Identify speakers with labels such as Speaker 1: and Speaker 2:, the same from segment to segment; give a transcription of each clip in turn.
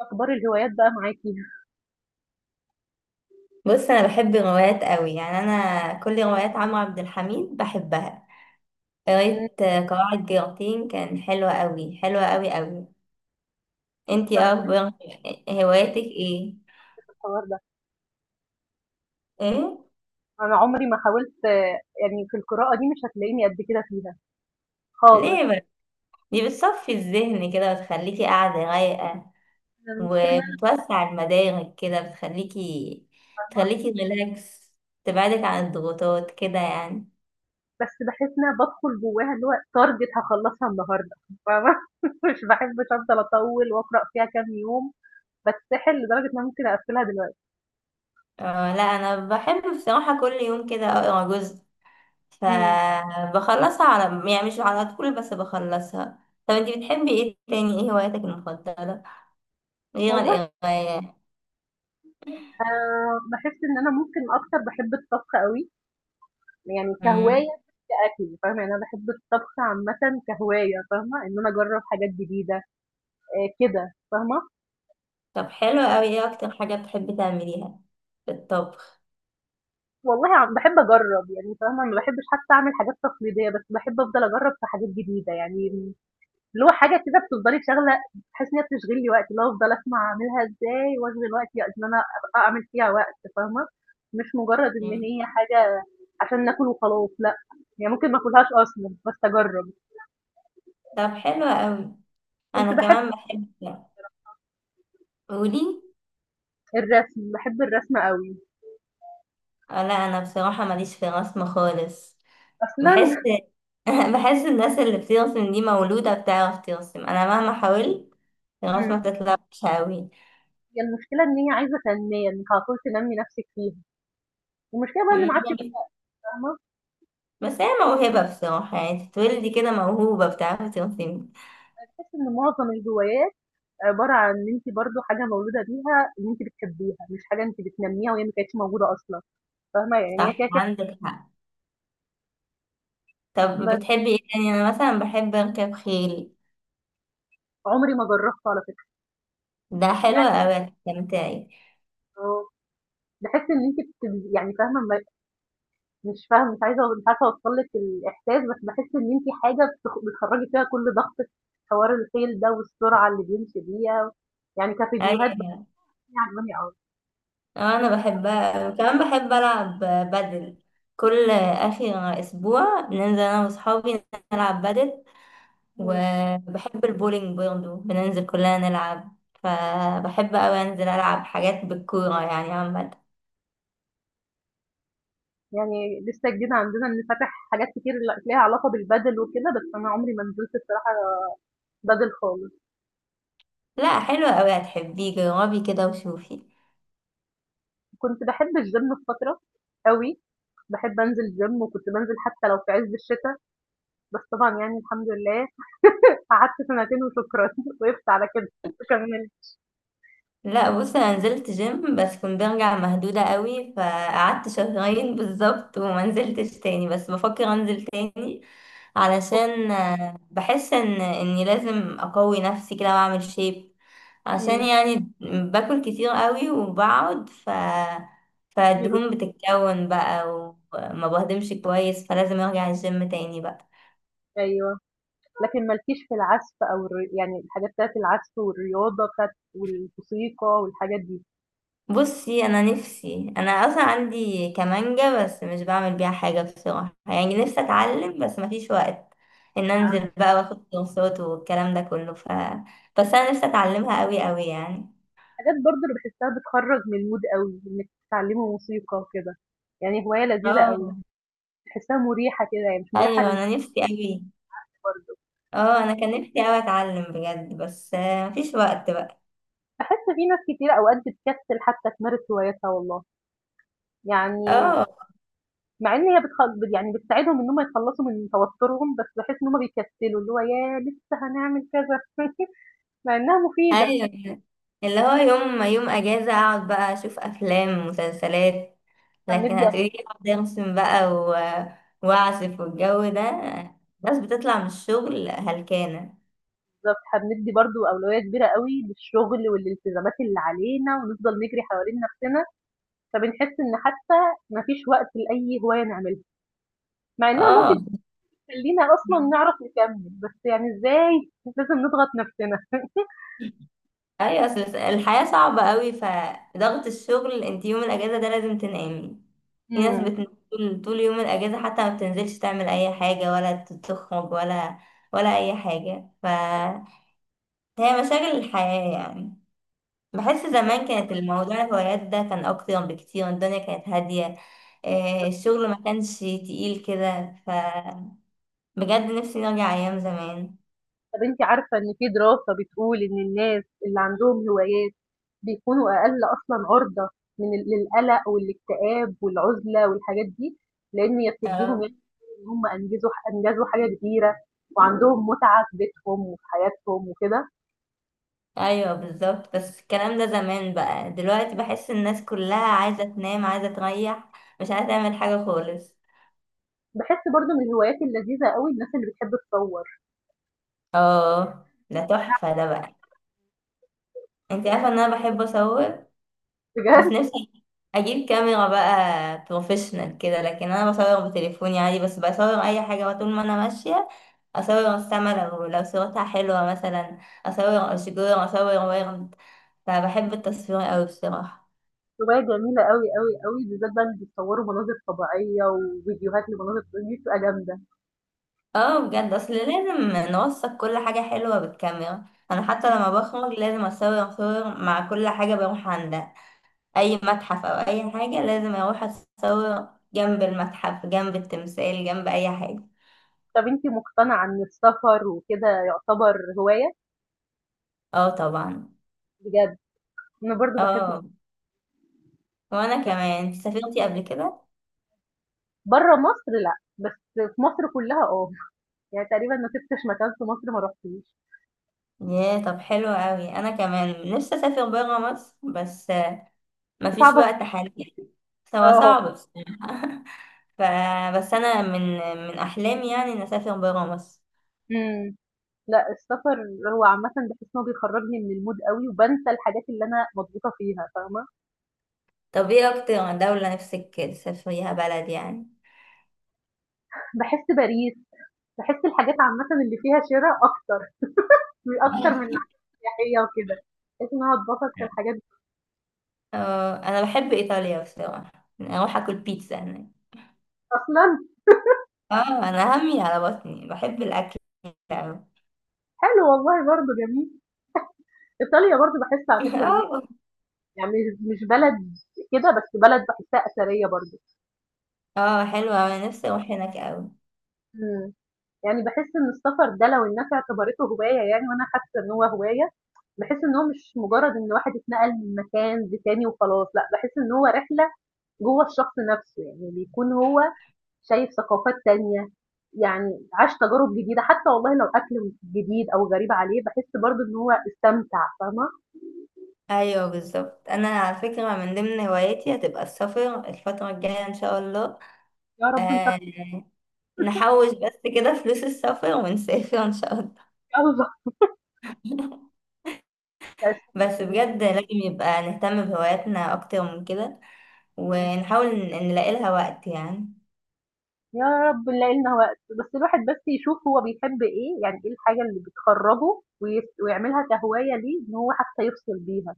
Speaker 1: أخبار الهوايات بقى معاكِ؟
Speaker 2: بص انا بحب الروايات قوي، يعني انا كل روايات عمرو عبد الحميد بحبها.
Speaker 1: إمم.
Speaker 2: قريت قواعد جيرتين، كان حلوة قوي، حلوة قوي قوي. انتي
Speaker 1: طَب،
Speaker 2: ايه اخبار هواياتك؟ ايه
Speaker 1: الحوار ده،
Speaker 2: ايه،
Speaker 1: أنا عمري ما حاولت. يعني في القراءة دي مش هتلاقيني قد كده فيها خالص.
Speaker 2: ليه بقى؟ دي بتصفي الذهن كده وتخليكي قاعدة رايقة
Speaker 1: أنا المشكلة إن أنا
Speaker 2: وبتوسع المدارك، كده بتخليكي ريلاكس، تبعدك عن الضغوطات كده يعني.
Speaker 1: بس باحس إن أنا بادخل جواها اللي هو target هاخلّصها النهارده، فاهمة؟ مش باحبش أفضل أطوّل وأقرأ فيها كام يوم، باتسحل لدرجة إن أنا ممكن أقفّلها دلوقتي.
Speaker 2: اه، لا، انا بحب بصراحة كل يوم كده اقرا جزء،
Speaker 1: إمم.
Speaker 2: فبخلصها على يعني مش على طول، بس بخلصها. طب انتي بتحبي ايه تاني؟ ايه هواياتك المفضلة غير
Speaker 1: والله،
Speaker 2: القراية؟
Speaker 1: باحس إن أنا ممكن أكتر باحب الطبخ أوي، يعني كهواية
Speaker 2: امم،
Speaker 1: مش كأكل، فاهمة؟ يعني أنا باحب الطبخ عامةً كهواية، فاهمة؟ إن أنا أجرّب حاجات جديدة. كده، فاهمة؟
Speaker 2: طب حلو قوي، ايه اكتر حاجة بتحبي تعمليها في الطبخ؟
Speaker 1: والله، بحب أجرّب، يعني فاهمة؟ ما باحبش حتى أعمل حاجات تقليدية، بس باحب أفضل أجرّب في حاجات جديدة، يعني اللي هو حاجة كده بتفضلي شاغلة، باحس إن هي بتشغل لي وقتي، اللي هو أفضل أسمع أعملها إزاي وأشغل وقتي إن أنا أعمل فيها وقت، فاهمة؟ مش مجرّد إن
Speaker 2: مم.
Speaker 1: هي حاجة عشان ناكل وخلاص، لأ، يعني ممكن ما آكلهاش أصلًا بس أجرّب.
Speaker 2: طب حلو قوي،
Speaker 1: كنت
Speaker 2: انا
Speaker 1: باحب
Speaker 2: كمان بحب. قولي.
Speaker 1: الرسم، باحب الرسم أوي،
Speaker 2: لا، انا بصراحة ماليش في الرسم خالص.
Speaker 1: أصلًا.
Speaker 2: بحس، بحس الناس اللي بترسم دي مولودة بتعرف ترسم، انا مهما حاولت الرسمة
Speaker 1: إمم.
Speaker 2: بتطلع وحشة
Speaker 1: هي المشكلة إن هي عايزة تنمية، إنِّك على طول تنمّي نَفْسِك فيها، والمشكلة بقى إن ما عادش،
Speaker 2: قوي.
Speaker 1: فاهمة؟
Speaker 2: بس هي موهبة بصراحة، يعني تتولدي كده موهوبة بتعرفي ترسمي.
Speaker 1: باحس إن معظم الهوايات عبارة عن إن أنتِ برضه حاجة مولودة بيها إن أنتِ بتحبيها، مش حاجة أنتِ بتنمّيها وهي ما كانتش موجودة أصلًا، فاهمة؟ يعني هي كده،
Speaker 2: صح،
Speaker 1: كده.
Speaker 2: عندك حق. طب
Speaker 1: بس
Speaker 2: بتحبي ايه تاني؟ انا مثلا بحب اركب خيل.
Speaker 1: عمري ما جرّبته على فكرة،
Speaker 2: ده حلو
Speaker 1: يعني.
Speaker 2: اوي، استمتعي.
Speaker 1: آه، باحس إن أنتِ يعني، فاهمة؟ ما مش فاهمة، مش عايزة، مش عارفة أوصّل لِك الإحساس، بس باحس إن أنتِ حاجة بتخرّجي فيها كل ضغطِك، حوار الخيل ده والسرعة اللي بيمشي بيها، يعني كفيديوهات
Speaker 2: ايوه.
Speaker 1: بتكون عاجباني أوي.
Speaker 2: انا بحبها كمان، بحب العب بدل. كل اخر اسبوع بننزل انا واصحابي نلعب بدل،
Speaker 1: إمم.
Speaker 2: وبحب البولينج برضه بننزل كلنا نلعب. فبحب اوي انزل العب حاجات بالكورة يعني عامة.
Speaker 1: يعني لسه جديد عندنا إن فاتح حاجات كتير ليها علاقة بالبادل وكده، بس أنا عمري ما نزلت الصراحة بادل خالص.
Speaker 2: لا، حلوة اوي، هتحبيه، جربي كده وشوفي.
Speaker 1: كنت باحب الgym في فترة أوي، باحب أنزل gym وكنت بانزل حتى لو في عز الشتا، بس طبعًا يعني الحمد لله قعدت سنتين وشكرًا، وقفت على كده، كملت.
Speaker 2: لا بص، انا نزلت جيم بس كنت برجع مهدودة قوي، فقعدت شهرين بالظبط وما نزلتش تاني، بس بفكر انزل تاني علشان بحس ان اني لازم اقوي نفسي كده واعمل شيب، عشان
Speaker 1: إمم.
Speaker 2: يعني باكل كتير قوي وبقعد ف
Speaker 1: الدنيا بت
Speaker 2: فالدهون بتتكون بقى، وما بهضمش كويس، فلازم ارجع الجيم تاني بقى.
Speaker 1: أيوه، لكن ما لكيش في العزف أو يعني الحاجات بتاعة العزف والرياضة بتاعة والموسيقى والحاجات دي،
Speaker 2: بصي انا نفسي، اصلا عندي كمانجة بس مش بعمل بيها حاجة بصراحة، يعني نفسي اتعلم بس مفيش وقت ان
Speaker 1: يعني
Speaker 2: انزل بقى واخد كورسات والكلام ده كله، ف بس انا نفسي اتعلمها قوي قوي يعني.
Speaker 1: حاجات برضه أنا باحسها بتخرّج من الmood أوي، إنِّك تتعلمي موسيقى وكده، يعني هواية لذيذة أوي،
Speaker 2: اه،
Speaker 1: باحسها مريحة كده، هي مش مريحة
Speaker 2: ايوه
Speaker 1: للناس
Speaker 2: انا نفسي قوي.
Speaker 1: برضه،
Speaker 2: اه، انا كان نفسي قوي اتعلم بجد بس مفيش وقت بقى.
Speaker 1: باحس في ناس كتير أوقات بتكسل حتى تمارس هواياتها والله. يعني
Speaker 2: اه،
Speaker 1: مع إن هي يعني بتساعدهم إن هُم يتخلّصوا من توتُّرهم، بس باحس إن هُم بيكسّلوا، اللي هو ياه! لسه هنعمل كذا مع إنها مفيدة.
Speaker 2: ايوه، اللي هو يوم يوم اجازه اقعد بقى اشوف افلام ومسلسلات، لكن
Speaker 1: هنِّدّي
Speaker 2: هتقولي لي اقعد ارسم بقى و... واعزف والجو ده، ناس بتطلع من الشغل هلكانه.
Speaker 1: بالضبط، هنِّدّي برضه أولوية كبيرة أوي للشغل والالتزامات اللي علينا ونفضل نجري حوالين نَفْسنا، فبنحس إن حتى ما فيش وقت لأي هواية نعملها، مع إنها ممكن
Speaker 2: اه،
Speaker 1: تخلّينا أصلًا نعرف نكمّل، بس يعني إزاي لازم نضغط نَفْسنا.
Speaker 2: ايوه، اصل الحياه صعبه قوي، فضغط الشغل، انت يوم الاجازه ده لازم تنامي. في ناس
Speaker 1: إمم.
Speaker 2: بت... طول يوم الاجازه حتى ما بتنزلش تعمل اي حاجه ولا تخرج ولا ولا اي حاجه، فهي مشاغل الحياه يعني. بحس زمان كانت الموضوع الهوايات ده كان أكتر بكتير، الدنيا كانت هادية، الشغل ما كانش تقيل كده، ف بجد نفسي نرجع أيام زمان.
Speaker 1: طب أنتِ عارفة إن في دراسة بتقول إن الناس اللي عندهم هوايات بيكونوا أقل أصلًا عُرضة من ال للقلق والاكتئاب والعُزلة والحاجات دي، لإن هي بتدّيهم
Speaker 2: آه،
Speaker 1: يعني إن هم أنجزوا حاجة كبيرة وعندهم متعة في بيتهم وفي حياتهم وكده.
Speaker 2: أيوه بالظبط، بس الكلام ده زمان بقى، دلوقتي بحس الناس كلها عايزة تنام، عايزة تريح، مش عايزة تعمل حاجة خالص.
Speaker 1: باحس برضه من الهوايات اللذيذة أوي الناس اللي بتحب تصوّر،
Speaker 2: اه، ده تحفة ده بقى، انت عارفة ان انا بحب اصور،
Speaker 1: بجد
Speaker 2: بس نفسي اجيب كاميرا بقى بروفيشنال كده، لكن انا بصور بتليفوني عادي بس. بصور اي حاجه بقى طول ما انا ماشيه، اصور السما لو صورتها حلوه مثلا، اصور اشجار، اصور ورد. فبحب التصوير قوي بصراحه.
Speaker 1: هواية جميلة أوي، أوي، أوي، بالذات بقى اللي بيصوّروا مناظر طبيعية وفيديوهات لمناظر طبيعية دي بتبقى جامدة.
Speaker 2: اه بجد، اصل لازم نوثق كل حاجه حلوه بالكاميرا. انا حتى لما بخرج لازم اصور صور مع كل حاجه بروح عندها، اي متحف او اي حاجه لازم اروح اصور جنب المتحف، جنب التمثال، جنب اي حاجه.
Speaker 1: طب أنتِ مقتنعة إن السفر وكده يعتبر هواية؟
Speaker 2: اه طبعا.
Speaker 1: بجد أنا برضه باحب
Speaker 2: اه، وانا
Speaker 1: السباحة،
Speaker 2: كمان. انت سافرتي قبل كده؟
Speaker 1: برّه مصر لأ، بس في مصر كلّها آه، يعني تقريبًا ما سِبتش مكان في مصر ما رُحتوش،
Speaker 2: ياه، طب حلو قوي، انا كمان نفسي اسافر بره مصر بس مفيش
Speaker 1: صعبة
Speaker 2: وقت حاليا. هو
Speaker 1: آه،
Speaker 2: صعب بس ف... بس انا من من احلامي يعني ان اسافر بره مصر.
Speaker 1: إمم. لأ السفر هو عامةً باحس إن هو بيخرّجني من الmood أوي وبانسى الحاجات اللي أنا مضغوطة فيها، فاهمة؟
Speaker 2: طب ايه اكتر دولة نفسك تسافريها بلد يعني؟
Speaker 1: باحس باريح، باحس الحاجات عامةً اللي فيها شِرا أكتر، أكتر من الحاجات السياحية وكده، باحس إن أنا اتبسط في الحاجات دي
Speaker 2: اه، انا بحب ايطاليا بصراحة، اروح اكل بيتزا هناك.
Speaker 1: أصلًا!
Speaker 2: اه، انا همي على بطني، بحب الاكل أوي.
Speaker 1: حلو والله، برضه جميل. إيطاليا برضه باحس على فكرة إن هي
Speaker 2: اه.
Speaker 1: يعني مش بلد كده بس بلد باحسها أثرية برضه.
Speaker 2: اه، حلوة أوي، انا نفسي اروح هناك أوي.
Speaker 1: إمم. يعني باحس إن السفر ده لو الناس اعتبرته هواية، يعني وأنا حاسة إن هو هواية، باحس إن هو مش مجرد إن واحد اتنقل من مكان لتاني وخلاص، لأ باحس إن هو رحلة جوّه الشخص نفسه، يعني بيكون هو شايف ثقافات تانية، يعني عاش تجارب جديدة، حتى والله لو أكل جديد أو غريب عليه باحس برضه إن هو استمتع، فاهمة؟
Speaker 2: ايوه بالظبط، انا على فكره من ضمن هواياتي هتبقى السفر الفتره الجايه ان شاء الله.
Speaker 1: يا رب نسافر
Speaker 2: آه، نحوش بس كده فلوس السفر ونسافر ان شاء الله.
Speaker 1: أوي بقى، لأ
Speaker 2: بس
Speaker 1: السفر
Speaker 2: بجد لازم يبقى نهتم بهواياتنا اكتر من كده،
Speaker 1: جميل.
Speaker 2: ونحاول نلاقي لها وقت يعني.
Speaker 1: يا رب نلاقي لنا وقت، بس الواحد بس يشوف هو بيحب ايه، يعني ايه الحاجة اللي بتخرجه ويعملها كهواية ليه، ان هو حتى يفصل بيها.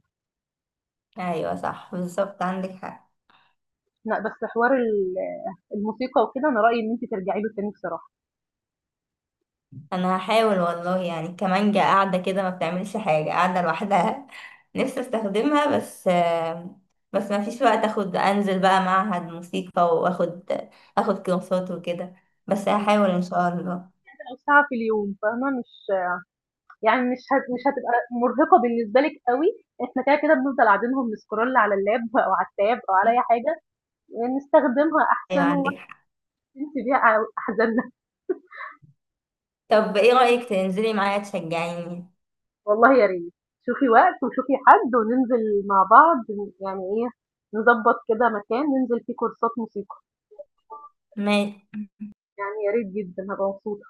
Speaker 2: ايوه صح بالظبط، عندك حق.
Speaker 1: لا، بس حوار الموسيقى وكده، انا رأيي ان انت ترجعي له تاني بصراحة،
Speaker 2: انا هحاول والله، يعني كمانجا قاعده كده ما بتعملش حاجه، قاعده لوحدها نفسي استخدمها، بس بس ما فيش وقت اخد انزل بقى معهد موسيقى واخد كورسات وكده، بس هحاول ان شاء الله.
Speaker 1: او ساعة في اليوم، فاهمة؟ مش يعني مش هتبقى مرهقة بالنسبة لك قوي، احنا كده كده بنفضل قاعدينهم نسكرول على اللاب او على التاب او على اي حاجة، نستخدمها
Speaker 2: ايوه
Speaker 1: احسن
Speaker 2: عندك حق.
Speaker 1: وننسي بيها احزاننا.
Speaker 2: طب ايه رايك تنزلي معايا تشجعيني؟
Speaker 1: والله يا ريت، شوفي وقت وشوفي حد وننزل مع بعض، يعني ايه، نظبط كده مكان ننزل فيه كورسات موسيقى،
Speaker 2: ماشي.
Speaker 1: يعني يا ريت جدا هبقى مبسوطة.